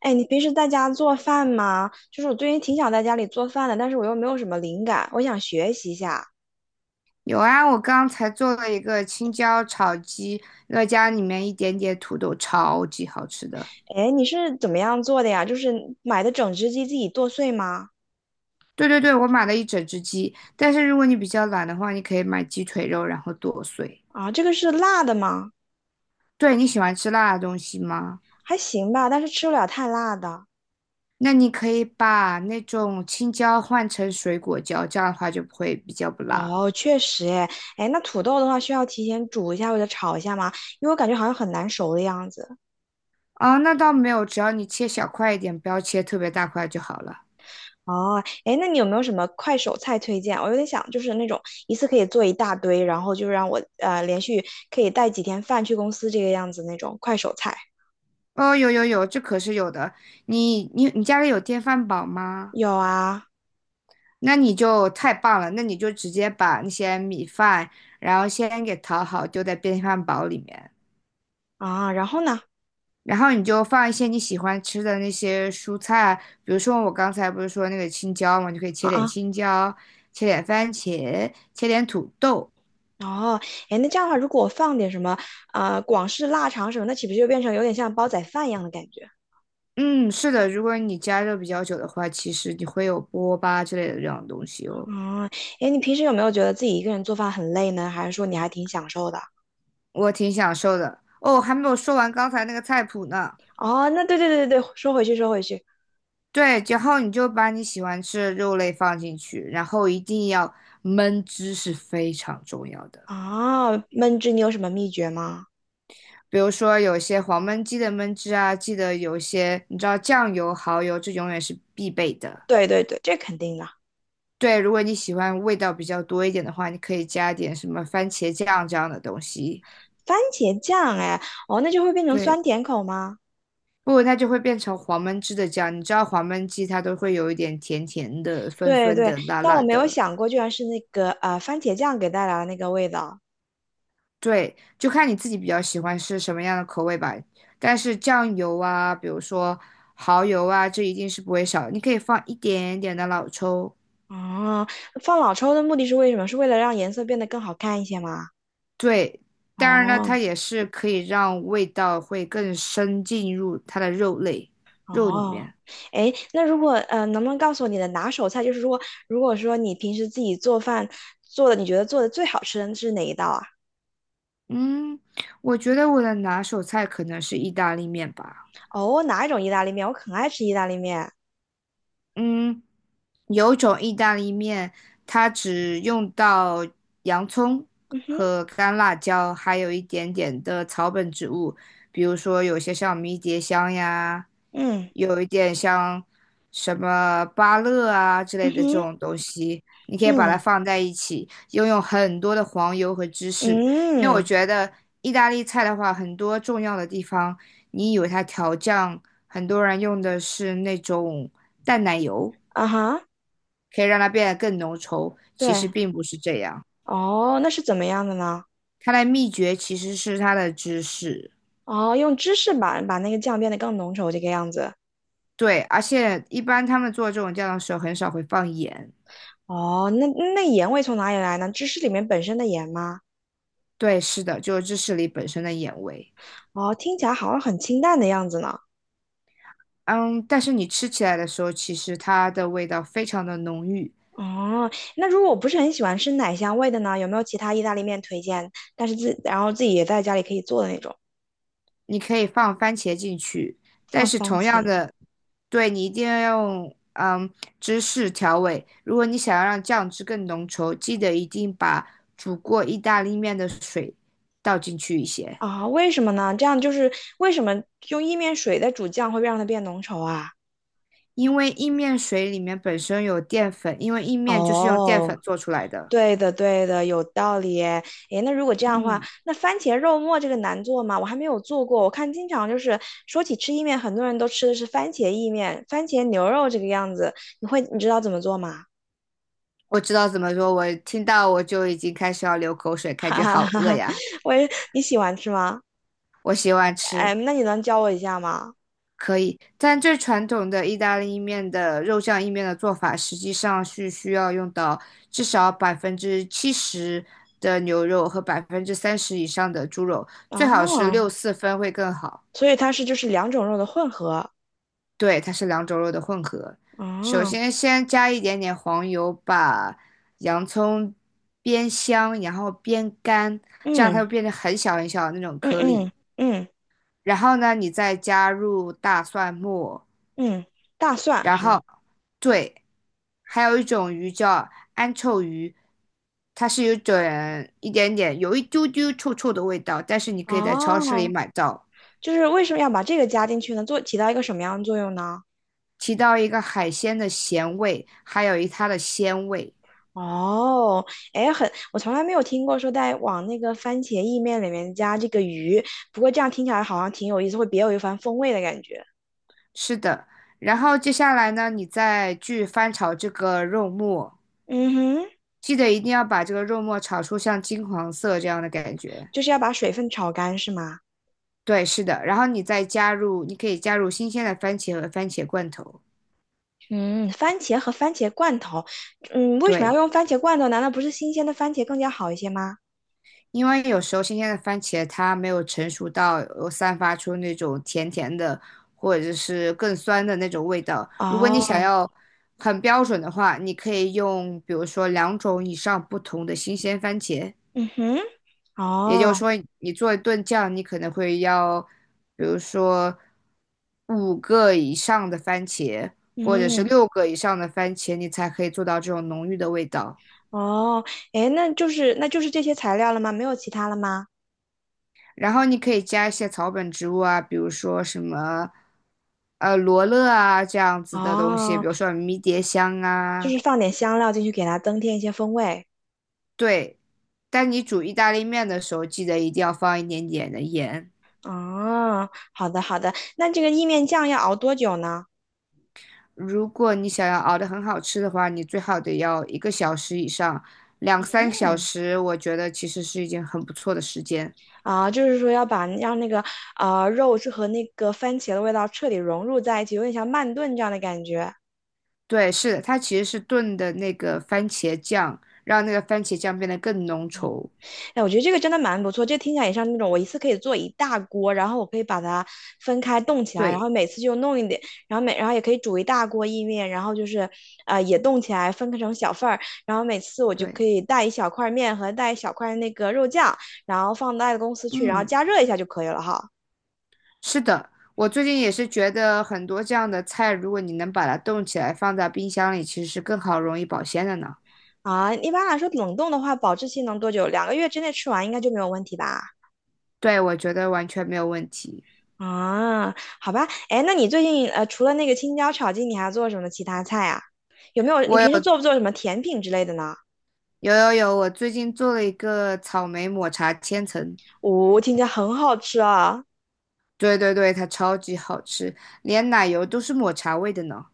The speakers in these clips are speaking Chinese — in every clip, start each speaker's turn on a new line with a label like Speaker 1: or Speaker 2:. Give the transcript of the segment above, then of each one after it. Speaker 1: 哎，你平时在家做饭吗？就是我最近挺想在家里做饭的，但是我又没有什么灵感，我想学习一下。
Speaker 2: 有啊，我刚才做了一个青椒炒鸡，那加里面一点点土豆，超级好吃的。
Speaker 1: 哎，你是怎么样做的呀？就是买的整只鸡自己剁碎吗？
Speaker 2: 对对对，我买了一整只鸡，但是如果你比较懒的话，你可以买鸡腿肉，然后剁碎。
Speaker 1: 啊，这个是辣的吗？
Speaker 2: 对，你喜欢吃辣的东西吗？
Speaker 1: 还行吧，但是吃不了太辣的。
Speaker 2: 那你可以把那种青椒换成水果椒，这样的话就不会比较不辣。
Speaker 1: 哦，确实，哎，哎，那土豆的话需要提前煮一下或者炒一下吗？因为我感觉好像很难熟的样子。
Speaker 2: 啊，那倒没有，只要你切小块一点，不要切特别大块就好了。
Speaker 1: 哦，哎，那你有没有什么快手菜推荐啊？我有点想，就是那种一次可以做一大堆，然后就让我连续可以带几天饭去公司这个样子那种快手菜。
Speaker 2: 哦，有有有，这可是有的。你家里有电饭煲吗？
Speaker 1: 有啊。
Speaker 2: 那你就太棒了，那你就直接把那些米饭，然后先给淘好，丢在电饭煲里面，
Speaker 1: 啊，然后呢？
Speaker 2: 然后你就放一些你喜欢吃的那些蔬菜，比如说我刚才不是说那个青椒嘛，你就可以
Speaker 1: 啊
Speaker 2: 切点
Speaker 1: 啊。
Speaker 2: 青椒，切点番茄，切点土豆。
Speaker 1: 哦，哎，那这样的话，如果我放点什么广式腊肠什么，那岂不是就变成有点像煲仔饭一样的感觉？
Speaker 2: 嗯，是的，如果你加热比较久的话，其实你会有锅巴之类的这种东西哦。
Speaker 1: 嗯。哎，你平时有没有觉得自己一个人做饭很累呢？还是说你还挺享受的？
Speaker 2: 我挺享受的。哦，还没有说完刚才那个菜谱呢。
Speaker 1: 哦，那对对对对对，说回去说回去。
Speaker 2: 对，然后你就把你喜欢吃的肉类放进去，然后一定要焖汁是非常重要的。
Speaker 1: 啊，焖汁你有什么秘诀吗？
Speaker 2: 比如说有些黄焖鸡的焖汁啊，记得有些你知道酱油、蚝油，这永远是必备的。
Speaker 1: 对对对，这肯定的。
Speaker 2: 对，如果你喜欢味道比较多一点的话，你可以加点什么番茄酱这样的东西。
Speaker 1: 番茄酱，哎，哦，那就会变成
Speaker 2: 对，
Speaker 1: 酸甜口吗？
Speaker 2: 不然它就会变成黄焖汁的酱。你知道黄焖鸡它都会有一点甜甜的、酸
Speaker 1: 对
Speaker 2: 酸
Speaker 1: 对，
Speaker 2: 的、辣
Speaker 1: 但我
Speaker 2: 辣
Speaker 1: 没有
Speaker 2: 的。
Speaker 1: 想过，居然是那个番茄酱给带来的那个味道。
Speaker 2: 对，就看你自己比较喜欢是什么样的口味吧。但是酱油啊，比如说蚝油啊，这一定是不会少。你可以放一点点的老抽，
Speaker 1: 哦，放老抽的目的是为什么？是为了让颜色变得更好看一些吗？
Speaker 2: 对，当然呢，它
Speaker 1: 哦
Speaker 2: 也是可以让味道会更深进入它的肉类肉里
Speaker 1: 哦。
Speaker 2: 面。
Speaker 1: 哎，那如果能不能告诉我你的拿手菜？就是说，如果说你平时自己做饭做的，你觉得做的最好吃的是哪一道啊？
Speaker 2: 嗯，我觉得我的拿手菜可能是意大利面吧。
Speaker 1: 哦，哪一种意大利面？我很爱吃意大利面。
Speaker 2: 嗯，有一种意大利面，它只用到洋葱
Speaker 1: 嗯哼。
Speaker 2: 和干辣椒，还有一点点的草本植物，比如说有些像迷迭香呀，
Speaker 1: 嗯
Speaker 2: 有一点像什么芭乐啊之类
Speaker 1: 嗯
Speaker 2: 的这
Speaker 1: 哼，
Speaker 2: 种东西，你可以把它
Speaker 1: 嗯
Speaker 2: 放在一起，又用很多的黄油和芝
Speaker 1: 嗯
Speaker 2: 士，因为我
Speaker 1: 嗯
Speaker 2: 觉得意大利菜的话，很多重要的地方。你以为它调酱，很多人用的是那种淡奶油，
Speaker 1: 啊哈，
Speaker 2: 可以让它变得更浓稠，其
Speaker 1: 对。
Speaker 2: 实并不是这样。
Speaker 1: 哦，那是怎么样的呢？
Speaker 2: 它的秘诀其实是它的芝士，
Speaker 1: 哦，用芝士把那个酱变得更浓稠这个样子。
Speaker 2: 对，而且一般他们做这种酱的时候很少会放盐，
Speaker 1: 哦，那盐味从哪里来呢？芝士里面本身的盐吗？
Speaker 2: 对，是的，就是芝士里本身的盐味。
Speaker 1: 哦，听起来好像很清淡的样子呢。
Speaker 2: 嗯，但是你吃起来的时候，其实它的味道非常的浓郁。
Speaker 1: 哦，那如果我不是很喜欢吃奶香味的呢，有没有其他意大利面推荐？但是自然后自己也在家里可以做的那种，
Speaker 2: 你可以放番茄进去，但
Speaker 1: 放
Speaker 2: 是
Speaker 1: 番
Speaker 2: 同样
Speaker 1: 茄。
Speaker 2: 的，对你一定要用芝士调味。如果你想要让酱汁更浓稠，记得一定把煮过意大利面的水倒进去一些，
Speaker 1: 啊？为什么呢？这样就是为什么用意面水在煮酱会让它变浓稠啊？
Speaker 2: 因为意面水里面本身有淀粉，因为意面就是用淀
Speaker 1: 哦，
Speaker 2: 粉做出来的。
Speaker 1: 对的，对的，有道理诶。诶，那如果这样的话，
Speaker 2: 嗯，
Speaker 1: 那番茄肉末这个难做吗？我还没有做过。我看经常就是说起吃意面，很多人都吃的是番茄意面、番茄牛肉这个样子。你会，你知道怎么做吗？
Speaker 2: 我知道怎么说，我听到我就已经开始要流口水，感
Speaker 1: 哈
Speaker 2: 觉
Speaker 1: 哈
Speaker 2: 好
Speaker 1: 哈
Speaker 2: 饿
Speaker 1: 哈，
Speaker 2: 呀，
Speaker 1: 我也，你喜欢吃吗？
Speaker 2: 我喜欢
Speaker 1: 哎，
Speaker 2: 吃。
Speaker 1: 那你能教我一下吗？
Speaker 2: 可以，但最传统的意大利面的肉酱意面的做法，实际上是需要用到至少70%的牛肉和30%以上的猪肉，最好是
Speaker 1: 哦，
Speaker 2: 六四分会更好。
Speaker 1: 所以它是就是两种肉的混合。
Speaker 2: 对，它是两种肉的混合。首
Speaker 1: 哦。
Speaker 2: 先，先加一点点黄油，把洋葱煸香，然后煸干，这样它
Speaker 1: 嗯
Speaker 2: 会变成很小很小的那种
Speaker 1: 嗯
Speaker 2: 颗粒。
Speaker 1: 嗯嗯
Speaker 2: 然后呢，你再加入大蒜末。
Speaker 1: 嗯，大蒜
Speaker 2: 然
Speaker 1: 好。
Speaker 2: 后对，还有一种鱼叫安臭鱼，它是有种一点点有一丢丢臭臭的味道，但是你可以在超市里
Speaker 1: 哦，
Speaker 2: 买到。
Speaker 1: 就是为什么要把这个加进去呢？做起到一个什么样的作用呢？
Speaker 2: 提到一个海鲜的咸味，还有一它的鲜味，
Speaker 1: 哦，哎，很，我从来没有听过说在往那个番茄意面里面加这个鱼，不过这样听起来好像挺有意思，会别有一番风味的感觉。
Speaker 2: 是的。然后接下来呢，你再去翻炒这个肉末，
Speaker 1: 嗯哼，
Speaker 2: 记得一定要把这个肉末炒出像金黄色这样的感觉。
Speaker 1: 就是要把水分炒干是吗？
Speaker 2: 对，是的。然后你再加入，你可以加入新鲜的番茄和番茄罐头。
Speaker 1: 嗯，番茄和番茄罐头，嗯，为什么要
Speaker 2: 对。
Speaker 1: 用番茄罐头？难道不是新鲜的番茄更加好一些吗？
Speaker 2: 因为有时候新鲜的番茄它没有成熟到有散发出那种甜甜的，或者是更酸的那种味道。如果你
Speaker 1: 哦。
Speaker 2: 想要很标准的话，你可以用比如说两种以上不同的新鲜番茄。
Speaker 1: 嗯哼。
Speaker 2: 也就
Speaker 1: 哦。
Speaker 2: 是说，你做一顿酱，你可能会要，比如说5个以上的番茄，或者是
Speaker 1: 嗯。
Speaker 2: 6个以上的番茄，你才可以做到这种浓郁的味道。
Speaker 1: 哦，哎，那就是这些材料了吗？没有其他了吗？
Speaker 2: 然后你可以加一些草本植物啊，比如说什么罗勒啊这样子的东西，比
Speaker 1: 哦，
Speaker 2: 如说迷迭香
Speaker 1: 就
Speaker 2: 啊。
Speaker 1: 是放点香料进去给它增添一些风味。
Speaker 2: 对，但你煮意大利面的时候，记得一定要放一点点的盐。
Speaker 1: 哦，好的好的，那这个意面酱要熬多久呢？
Speaker 2: 如果你想要熬得很好吃的话，你最好得要1个小时以上，两三个小时，我觉得其实是一件很不错的时间。
Speaker 1: 啊，就是说要把让那个肉是和那个番茄的味道彻底融入在一起，有点像慢炖这样的感觉。
Speaker 2: 对，是的，它其实是炖的那个番茄酱，让那个番茄酱变得更浓稠。
Speaker 1: 哎，我觉得这个真的蛮不错，这听起来也像那种我一次可以做一大锅，然后我可以把它分开冻起来，然
Speaker 2: 对
Speaker 1: 后每次就弄一点，然后也可以煮一大锅意面，然后就是也冻起来分开成小份儿，然后每次我就可
Speaker 2: 对，
Speaker 1: 以带一小块面和带一小块那个肉酱，然后放到爱的公司去，然后
Speaker 2: 嗯。
Speaker 1: 加热一下就可以了哈。
Speaker 2: 是的，我最近也是觉得很多这样的菜，如果你能把它冻起来放在冰箱里，其实是更好容易保鲜的呢。
Speaker 1: 啊，一般来说，冷冻的话，保质期能多久？两个月之内吃完应该就没有问题吧？
Speaker 2: 对，我觉得完全没有问题。
Speaker 1: 啊，好吧，哎，那你最近除了那个青椒炒鸡，你还做什么其他菜啊？有没有？你
Speaker 2: 我
Speaker 1: 平时
Speaker 2: 有
Speaker 1: 做不做什么甜品之类的呢？
Speaker 2: 有有有，我最近做了一个草莓抹茶千层，
Speaker 1: 哦，听起来很好吃啊！
Speaker 2: 对对对，它超级好吃，连奶油都是抹茶味的呢。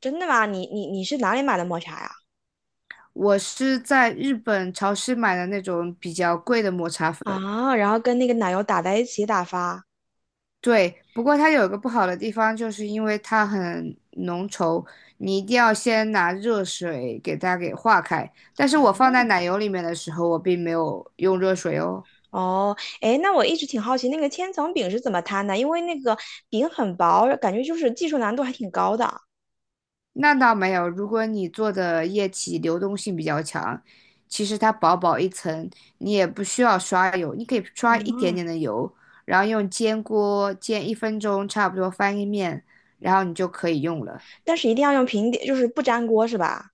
Speaker 1: 真的吗？你是哪里买的抹茶呀？
Speaker 2: 我是在日本超市买的那种比较贵的抹茶粉，
Speaker 1: 啊，然后跟那个奶油打在一起打发。
Speaker 2: 对，不过它有一个不好的地方，就是因为它很浓稠，你一定要先拿热水给它给化开。但是
Speaker 1: 哦。
Speaker 2: 我放在奶油里面的时候，我并没有用热水哦。
Speaker 1: 哦哎，那我一直挺好奇那个千层饼是怎么摊的，因为那个饼很薄，感觉就是技术难度还挺高的。
Speaker 2: 那倒没有，如果你做的液体流动性比较强，其实它薄薄一层，你也不需要刷油，你可以刷一点
Speaker 1: 嗯。
Speaker 2: 点的油，然后用煎锅煎1分钟，差不多翻一面，然后你就可以用了。
Speaker 1: 但是一定要用平底，就是不粘锅是吧？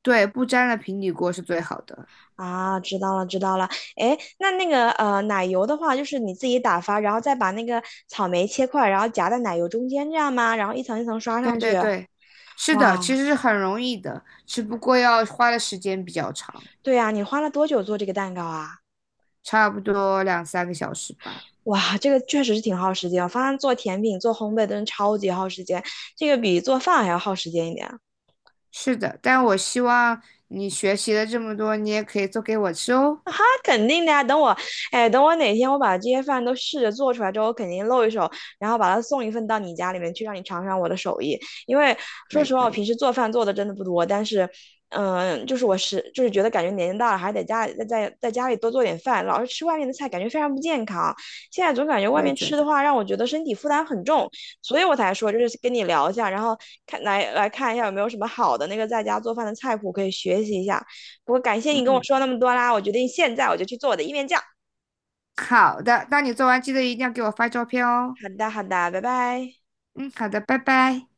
Speaker 2: 对，不粘的平底锅是最好的。
Speaker 1: 啊，知道了，知道了。哎，那那个奶油的话，就是你自己打发，然后再把那个草莓切块，然后夹在奶油中间，这样吗？然后一层一层刷
Speaker 2: 对
Speaker 1: 上去。
Speaker 2: 对对，是
Speaker 1: 哇，
Speaker 2: 的，其实是很容易的，只不过要花的时间比较长，
Speaker 1: 对呀，你花了多久做这个蛋糕啊？
Speaker 2: 差不多两三个小时吧。
Speaker 1: 哇，这个确实是挺耗时间。我发现做甜品、做烘焙真的超级耗时间，这个比做饭还要耗时间一点。
Speaker 2: 是的，但我希望你学习了这么多，你也可以做给我吃哦。
Speaker 1: 肯定的呀。等我，哎，等我哪天我把这些饭都试着做出来之后，我肯定露一手，然后把它送一份到你家里面去，让你尝尝我的手艺。因为
Speaker 2: 可
Speaker 1: 说
Speaker 2: 以
Speaker 1: 实话，
Speaker 2: 可
Speaker 1: 我平
Speaker 2: 以，
Speaker 1: 时做饭做的真的不多，但是，嗯，就是我觉得感觉年龄大了，还得家里在家里多做点饭，老是吃外面的菜，感觉非常不健康。现在总感觉
Speaker 2: 我
Speaker 1: 外
Speaker 2: 也
Speaker 1: 面
Speaker 2: 觉
Speaker 1: 吃的
Speaker 2: 得，
Speaker 1: 话，让我觉得身体负担很重，所以我才说就是跟你聊一下，然后看来来看一下有没有什么好的那个在家做饭的菜谱可以学习一下。我感谢你跟我
Speaker 2: 嗯，
Speaker 1: 说那么多啦，我决定现在我就去做我的意面酱。
Speaker 2: 好的，那你做完记得一定要给我发照片哦。
Speaker 1: 好的，好的，拜拜。
Speaker 2: 嗯，好的，拜拜。